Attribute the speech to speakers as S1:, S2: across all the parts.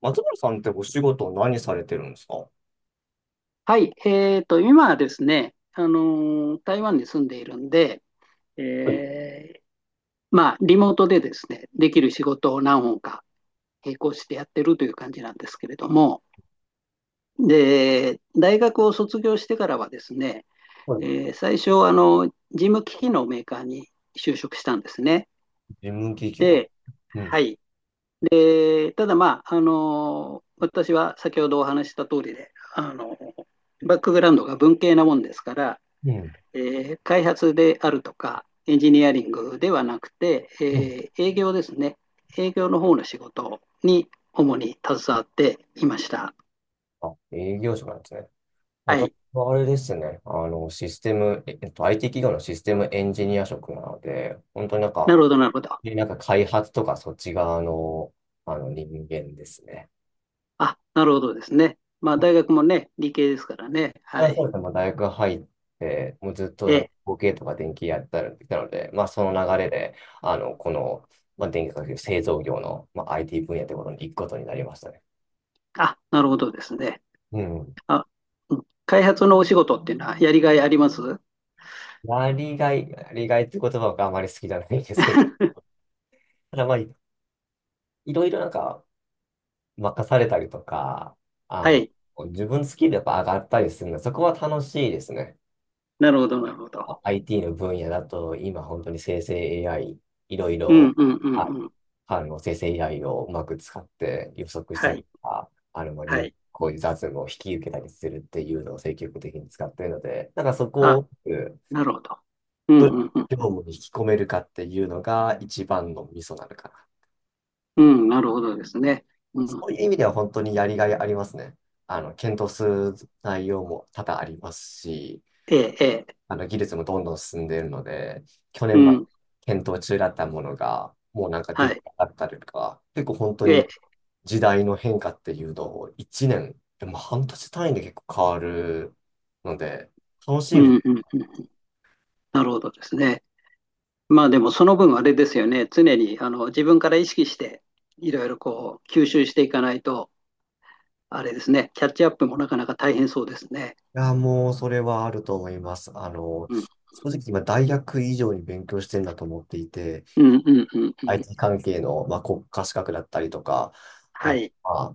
S1: 松原さんってお仕事何されてるんですか事。
S2: はい、今はですね、台湾に住んでいるんで、
S1: はい、
S2: えーまあ、リモートでですね、できる仕事を何本か並行してやってるという感じなんですけれども、で、大学を卒業してからはですね、
S1: はい。
S2: え最初、事務機器のメーカーに就職したんですね。
S1: 務機器の。
S2: で、
S1: うん。
S2: はい、ただまあ、私は先ほどお話しした通りで、バックグラウンドが文系なもんですから、
S1: うん。
S2: え開発であるとか、エンジニアリングではなくて、営業ですね。営業の方の仕事に主に携わっていました。
S1: あ、営業職なんですね。
S2: は
S1: 私
S2: い。
S1: はあれですね。あの、システム、IT 企業のシステムエンジニア職なので、本当になん
S2: な
S1: か、
S2: るほど、なるほど。
S1: でなんか開発とかそっち側の、あの人間ですね。
S2: あ、なるほどですね。まあ、大学もね、理系ですからね。は
S1: あ、そう
S2: い。
S1: ですね。まあ、大学入って、もうずっと
S2: え
S1: 模型とか電気やってたので、まあ、その流れで、あの、この、まあ、電気化学製造業の、まあ、IT 分野ってことに行くことになりましたね。
S2: あ、なるほどですね。
S1: うん。
S2: あ、うん、開発のお仕事っていうのはやりがいあります？
S1: まあ、利害、利害って言葉があまり好きじゃないんですけど、ただまあ、いろいろなんか任されたりとか、あ
S2: は
S1: の、
S2: い。
S1: 自分好きでやっぱ上がったりするので、そこは楽しいですね。
S2: なるほど、なるほど。
S1: あ、 IT の分野だと、今本当に生成 AI、いろい
S2: う
S1: ろ、
S2: んうんう
S1: あ、
S2: んうん。
S1: あの、生成 AI をうまく使って予測した
S2: は
S1: りと
S2: い。
S1: か、あの、まあ、
S2: は
S1: 人
S2: い。
S1: こういう雑務を引き受けたりするっていうのを積極的に使っているので、なんかそこ
S2: あ、
S1: を、
S2: なるほど。うん
S1: どれを
S2: うんう
S1: 業
S2: ん。
S1: 務に引き込めるかっていうのが一番のミソなのかな。
S2: うん、なるほどですね。う
S1: そ
S2: ん
S1: ういう意味では本当にやりがいありますね。あの、検討する内容も多々ありますし、
S2: ええ、ええ、
S1: あの、技術もどんどん進んでいるので、去
S2: う
S1: 年まで
S2: ん、
S1: 検討中だったものが、もうなんか
S2: は
S1: でき
S2: い。
S1: なかったりとか、結構本当
S2: え
S1: に
S2: え、
S1: 時代の変化っていうのを1年、でも半年単位で結構変わるので、楽し
S2: う
S1: い。
S2: ん、うん、うん。なるほどですね。まあでもその分あれですよね。常にあの自分から意識していろいろこう吸収していかないと、あれですね。キャッチアップもなかなか大変そうですね。
S1: いや、もう、それはあると思います。あの、
S2: うん、
S1: 正直今、大学以上に勉強してるんだと思っていて、
S2: うん、うん、うん、うん。
S1: IT 関係の、まあ、国家資格だったりとか、あ、
S2: はい、
S1: まあ、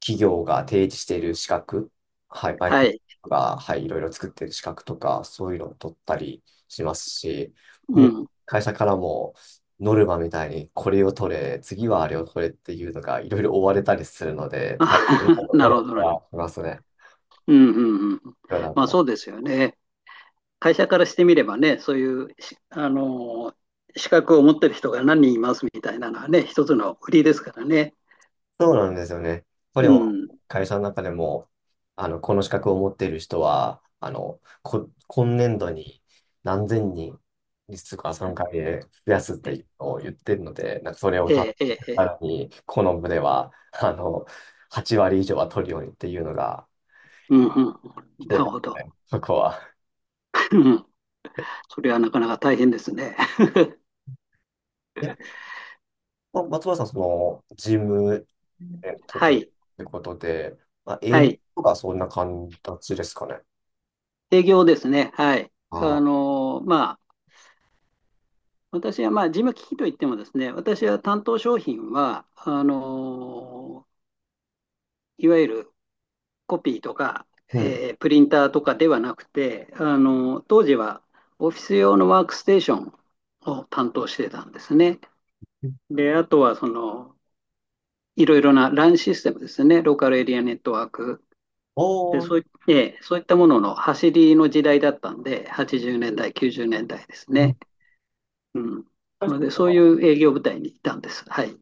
S1: 企業が提示している資格、はい、バイ
S2: は
S1: ク
S2: い、
S1: が、はい、いろいろ作っている資格とか、そういうのを取ったりしますし、
S2: う
S1: もう、
S2: ん。
S1: 会社からも、ノルマみたいに、これを取れ、次はあれを取れっていうのが、いろいろ追われたりするので、
S2: あ、
S1: 大変な とこ
S2: なるほ
S1: ろ
S2: どね。
S1: がありますね。
S2: うん、うん、うん。
S1: だから
S2: まあ
S1: も
S2: そう
S1: う、
S2: ですよね。会社からしてみればね、そういうし、資格を持ってる人が何人いますみたいなのはね、一つの売りですからね。
S1: そうなんですよね。こ
S2: う
S1: れを
S2: ん。
S1: 会社の中でも、あの、この資格を持っている人は、あの、こ、今年度に何千人、実は3回で増やすっ
S2: え
S1: てを言ってるので、なんかそれを達
S2: え、え
S1: 成し
S2: え、ええ、
S1: らに、この部では、あの、8割以上は取るようにっていうのが
S2: うんう
S1: 来
S2: ん。な
S1: て
S2: る
S1: ます
S2: ほど。
S1: ね、そこは。
S2: うん、それはなかなか大変ですね。
S1: え、松原さん、その、事務、えっと、
S2: は
S1: と
S2: い、
S1: いうことで、まあ、
S2: は
S1: 営業
S2: い。
S1: とかそんな形ですかね。
S2: 営業ですね。はい。あ
S1: ああ、
S2: の、まあ、私は、まあ、事務機器といってもですね、私は担当商品は、いわゆるコピーとか、
S1: う
S2: プリンターとかではなくて、当時はオフィス用のワークステーションを担当してたんですね。
S1: ん。
S2: で、あとは、いろいろなランシステムですね、ローカルエリアネットワークで、
S1: おー、
S2: そうい、ええそういったものの走りの時代だったんで、80年代、90年代ですね。うん。
S1: あ、
S2: な
S1: そ
S2: ので、
S1: う
S2: そうい
S1: か。
S2: う営業部隊にいたんです。はい。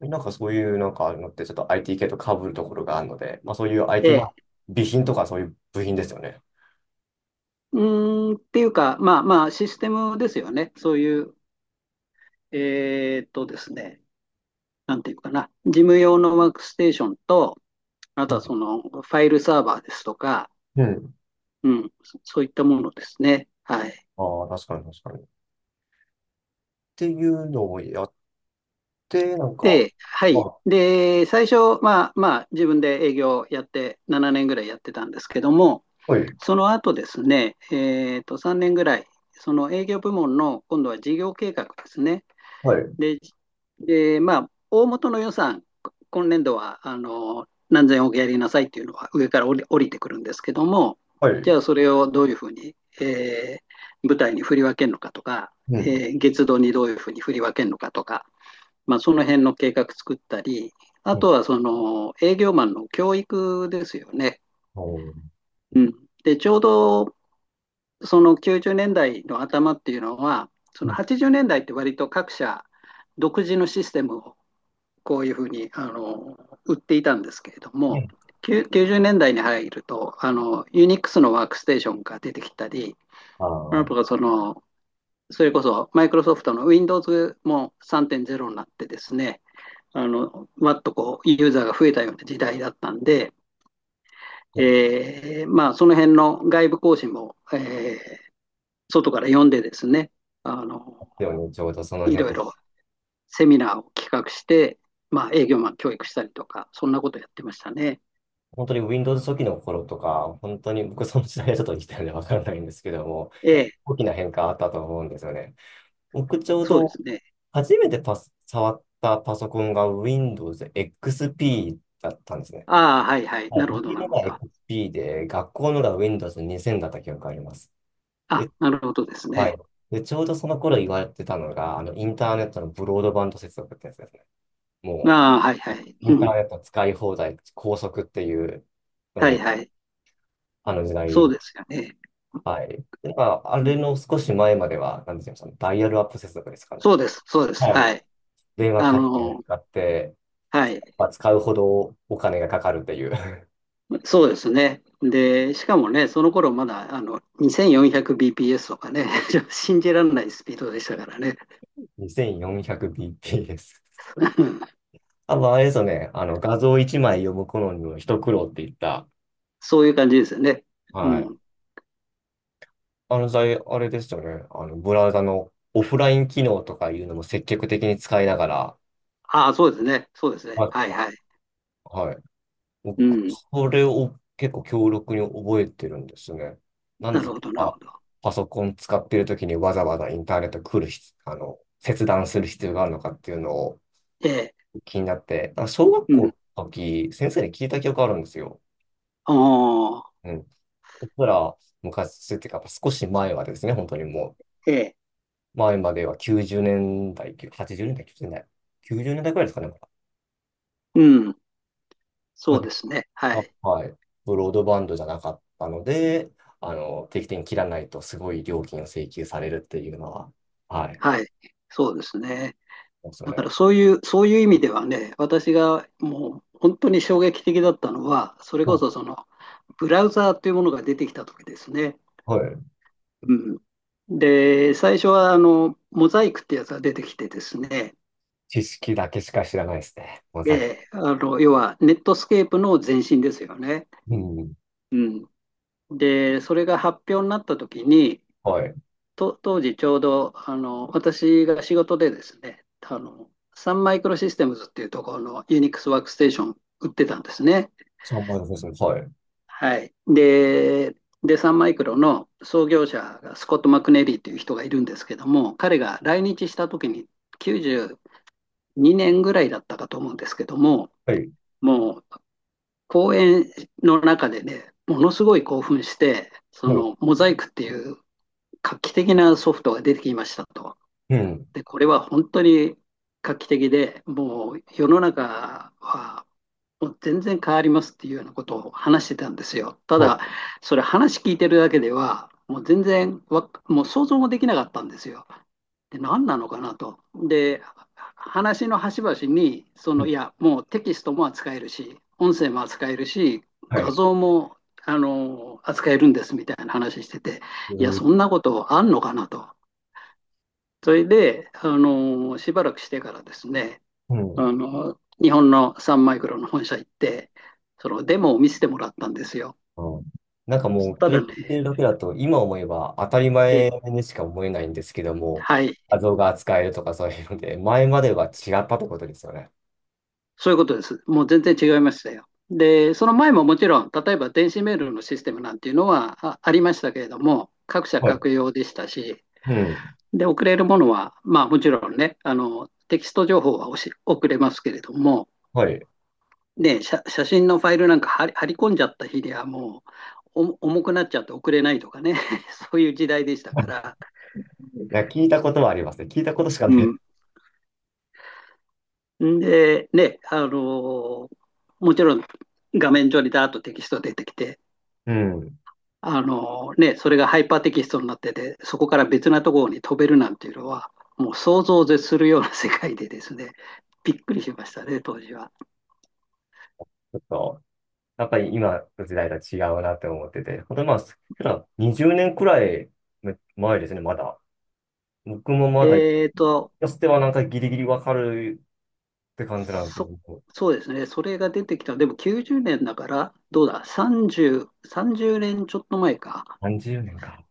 S1: なんかそういうなんかあるのってちょっと IT 系と被るところがあるので、まあそういう
S2: え
S1: IT、ま
S2: え
S1: あ、備品とかそういう部品ですよね。
S2: うっていうか、まあまあ、システムですよね。そういう、ですね、なんていうかな、事務用のワークステーションと、あ
S1: う
S2: と
S1: ん、
S2: はそのファイルサーバーですとか、
S1: うん。
S2: うん、そういったものですね。はい。
S1: ああ、確かに確かに。っていうのをやって、なんか、
S2: で、はい。
S1: あ、
S2: で、最初、まあまあ、自分で営業やって、7年ぐらいやってたんですけども、
S1: はい、
S2: その後ですね、3年ぐらい、その営業部門の今度は事業計画ですね。
S1: はい、
S2: で、で、まあ、大元の予算、今年度はあの何千億やりなさいっていうのは上から降りてくるんですけども、
S1: は
S2: じ
S1: い。
S2: ゃあそれをどういうふうに、舞台に振り分けるのかとか、
S1: うん。
S2: 月度にどういうふうに振り分けるのかとか、まあ、その辺の計画作ったり、あ
S1: うん。
S2: とはその営業マンの教育ですよね。
S1: おー。
S2: うん、でちょうどその90年代の頭っていうのは、そ
S1: う
S2: の
S1: ん、
S2: 80年代って割と各社独自のシステムをこういうふうに売っていたんですけれども、
S1: ね。
S2: 90年代に入ると、ユニックスのワークステーションが出てきたり、
S1: ああ、
S2: その、それこそマイクロソフトの Windows も3.0になってですね、わっとこう、ユーザーが増えたような時代だったんで、
S1: そうで
S2: まあ、その辺の外部更新も、外から読んでですね、あの、
S1: すよね。ちょうどその
S2: いろい
S1: 辺。
S2: ろセミナーを企画して、まあ、営業マン教育したりとか、そんなことやってましたね。
S1: 本当に Windows 初期の頃とか、本当に僕その時代はちょっと生きてるんでわからないんですけども、
S2: え
S1: 結
S2: え、
S1: 構大きな変化あったと思うんですよね。僕ちょう
S2: そうで
S1: ど
S2: すね。
S1: 初めて触ったパソコンが Windows XP だったんですね。
S2: ああ、はいはい。
S1: はい、
S2: なるほ
S1: 僕
S2: ど、な
S1: の
S2: るほ
S1: が
S2: ど。
S1: XP で、学校のが Windows 2000だった記憶があります。
S2: あ、
S1: で、
S2: なるほどです
S1: は
S2: ね。
S1: い。で、ちょうどその頃言われてたのが、あの、インターネットのブロードバンド接続ってやつですね。
S2: あ
S1: も
S2: あ、はいはい。
S1: う、インタ
S2: う
S1: ー
S2: ん。
S1: ネット使い放題、高速っていうの
S2: はい
S1: で、
S2: はい。
S1: あの時
S2: そう
S1: 代。
S2: ですよね。
S1: はい。で、まあ、あ
S2: う
S1: れ
S2: ん
S1: の少し前までは、なんて言うダイヤルアップ接続ですかね。
S2: そうです、そうです。
S1: はい。
S2: はい。
S1: 電話
S2: あ
S1: 回線
S2: の、
S1: 使って、
S2: はい。
S1: まあ、使うほどお金がかかるっていう
S2: そうですね。で、しかもね、その頃まだあの 2400bps とかね、信じられないスピードでしたからね。
S1: 2400bp です。あとあれですよね、あの画像1枚読む頃にも一苦労って言った、
S2: そういう感じですよね。う
S1: はい。
S2: ん。
S1: あの際、あれですよね、あのブラウザのオフライン機能とかいうのも積極的に使いながら、
S2: ああ、そうですね。そうですね。
S1: は
S2: は
S1: い。
S2: いはい。
S1: はい、僕
S2: うん。
S1: それを結構強力に覚えてるんですね。なん
S2: な
S1: です
S2: るほど、なる
S1: か、
S2: ほど。
S1: パソコン使ってる時にわざわざインターネット来る必、あの、切断する必要があるのかっていうのを、
S2: ええ、
S1: 気になって、なんか小学
S2: うん。
S1: 校の時、先生に聞いた記憶あるんですよ。
S2: ああ、
S1: うん。僕ら昔っていうか、少し前はですね、本当にも
S2: ええ、
S1: う、前までは90年代、80年代、90年代、90年代くらいですかね、まだ。
S2: うん。
S1: ま
S2: そ
S1: あ、
S2: う
S1: ね、
S2: ですね。は
S1: あ、
S2: い。
S1: はい。ブロードバンドじゃなかったので、あの、定期的に切らないとすごい料金を請求されるっていうのは、はい。
S2: はい。そうですね。
S1: そうですよ
S2: だから
S1: ね。
S2: そういう意味ではね、私がもう本当に衝撃的だったのは、それこ
S1: も
S2: そブラウザーというものが出てきた時ですね。
S1: う、はい。
S2: うん。で、最初はモザイクってやつが出てきてですね、
S1: 知識だけしか知らないですね。ごめんな
S2: え
S1: さい。
S2: え、要はネットスケープの前身ですよね。
S1: うん。
S2: うん。で、それが発表になった時に、
S1: はい。
S2: 当時ちょうど、私が仕事でですね、サンマイクロシステムズっていうところのユニックスワークステーション売ってたんですね。
S1: 3円ですね。はい。
S2: はい。で、サンマイクロの創業者がスコット・マクネリーっていう人がいるんですけども、彼が来日した時に92年ぐらいだったかと思うんですけども、
S1: はい。
S2: もう講演の中でね、ものすごい興奮して、そ
S1: はい。
S2: のモザイクっていう画期的なソフトが出てきましたと。
S1: うん。
S2: で、これは本当に画期的で、もう世の中はもう全然変わりますっていうようなことを話してたんですよ。ただ、
S1: は
S2: それ話聞いてるだけでは、もう全然わ、もう想像もできなかったんですよ。で、何なのかなと。で、話の端々に、
S1: い。
S2: いや、もうテキストも扱えるし、音声も扱えるし、
S1: はい。
S2: 画像も、扱えるんですみたいな話してて、いや、そん
S1: ー
S2: なことあんのかなと。それで、しばらくしてからですね、
S1: うん。
S2: 日本のサンマイクロの本社行って、そのデモを見せてもらったんですよ。
S1: うん。なんかもう、
S2: た
S1: それ
S2: だ
S1: 聞
S2: ね、
S1: いてるだけだと、今思えば当たり
S2: え、
S1: 前にしか思えないんですけども、
S2: はい、
S1: 画像が扱えるとかそういうので、前までは違ったってことですよね。
S2: そういうことです。もう全然違いましたよ。で、その前ももちろん、例えば電子メールのシステムなんていうのはありましたけれども、各社
S1: はい。
S2: 各用でしたし、
S1: うん。
S2: で、送れるものは、まあもちろんね、テキスト情報は送れますけれども、
S1: はい。
S2: ね、写真のファイルなんか貼り込んじゃった日にはもう重くなっちゃって送れないとかね、そういう時代でしたから。
S1: なんか聞いたことはありますね。聞いたことしか
S2: う
S1: ない。
S2: ん。で、ね、ーもちろん画面上にダーッとテキスト出てきて、
S1: うん。ち
S2: ね、それがハイパーテキストになってて、そこから別なところに飛べるなんていうのは、もう想像を絶するような世界でですね、びっくりしましたね、当時は。
S1: ょっと、やっぱり今の時代とは違うなって思ってて、ほんとまあ、普段20年くらい前ですね、まだ。僕もまだ、
S2: えーと、
S1: やつてはなんかギリギリわかるって感じなんです
S2: そ、
S1: けど、
S2: そうですね。それが出てきた。でも90年だから、どうだ、30年ちょっと前か。
S1: 30年か。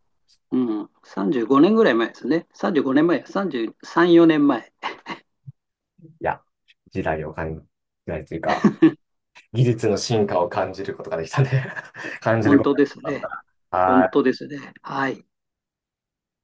S2: うん、35年ぐらい前ですね。35年前、33、4年前。
S1: いや、時代を感じないというか、技術の進化を感じることができたね、 感じる
S2: 本
S1: こと
S2: 当
S1: が
S2: で
S1: でき
S2: すね。
S1: た。は
S2: 本
S1: い。
S2: 当ですね。はい。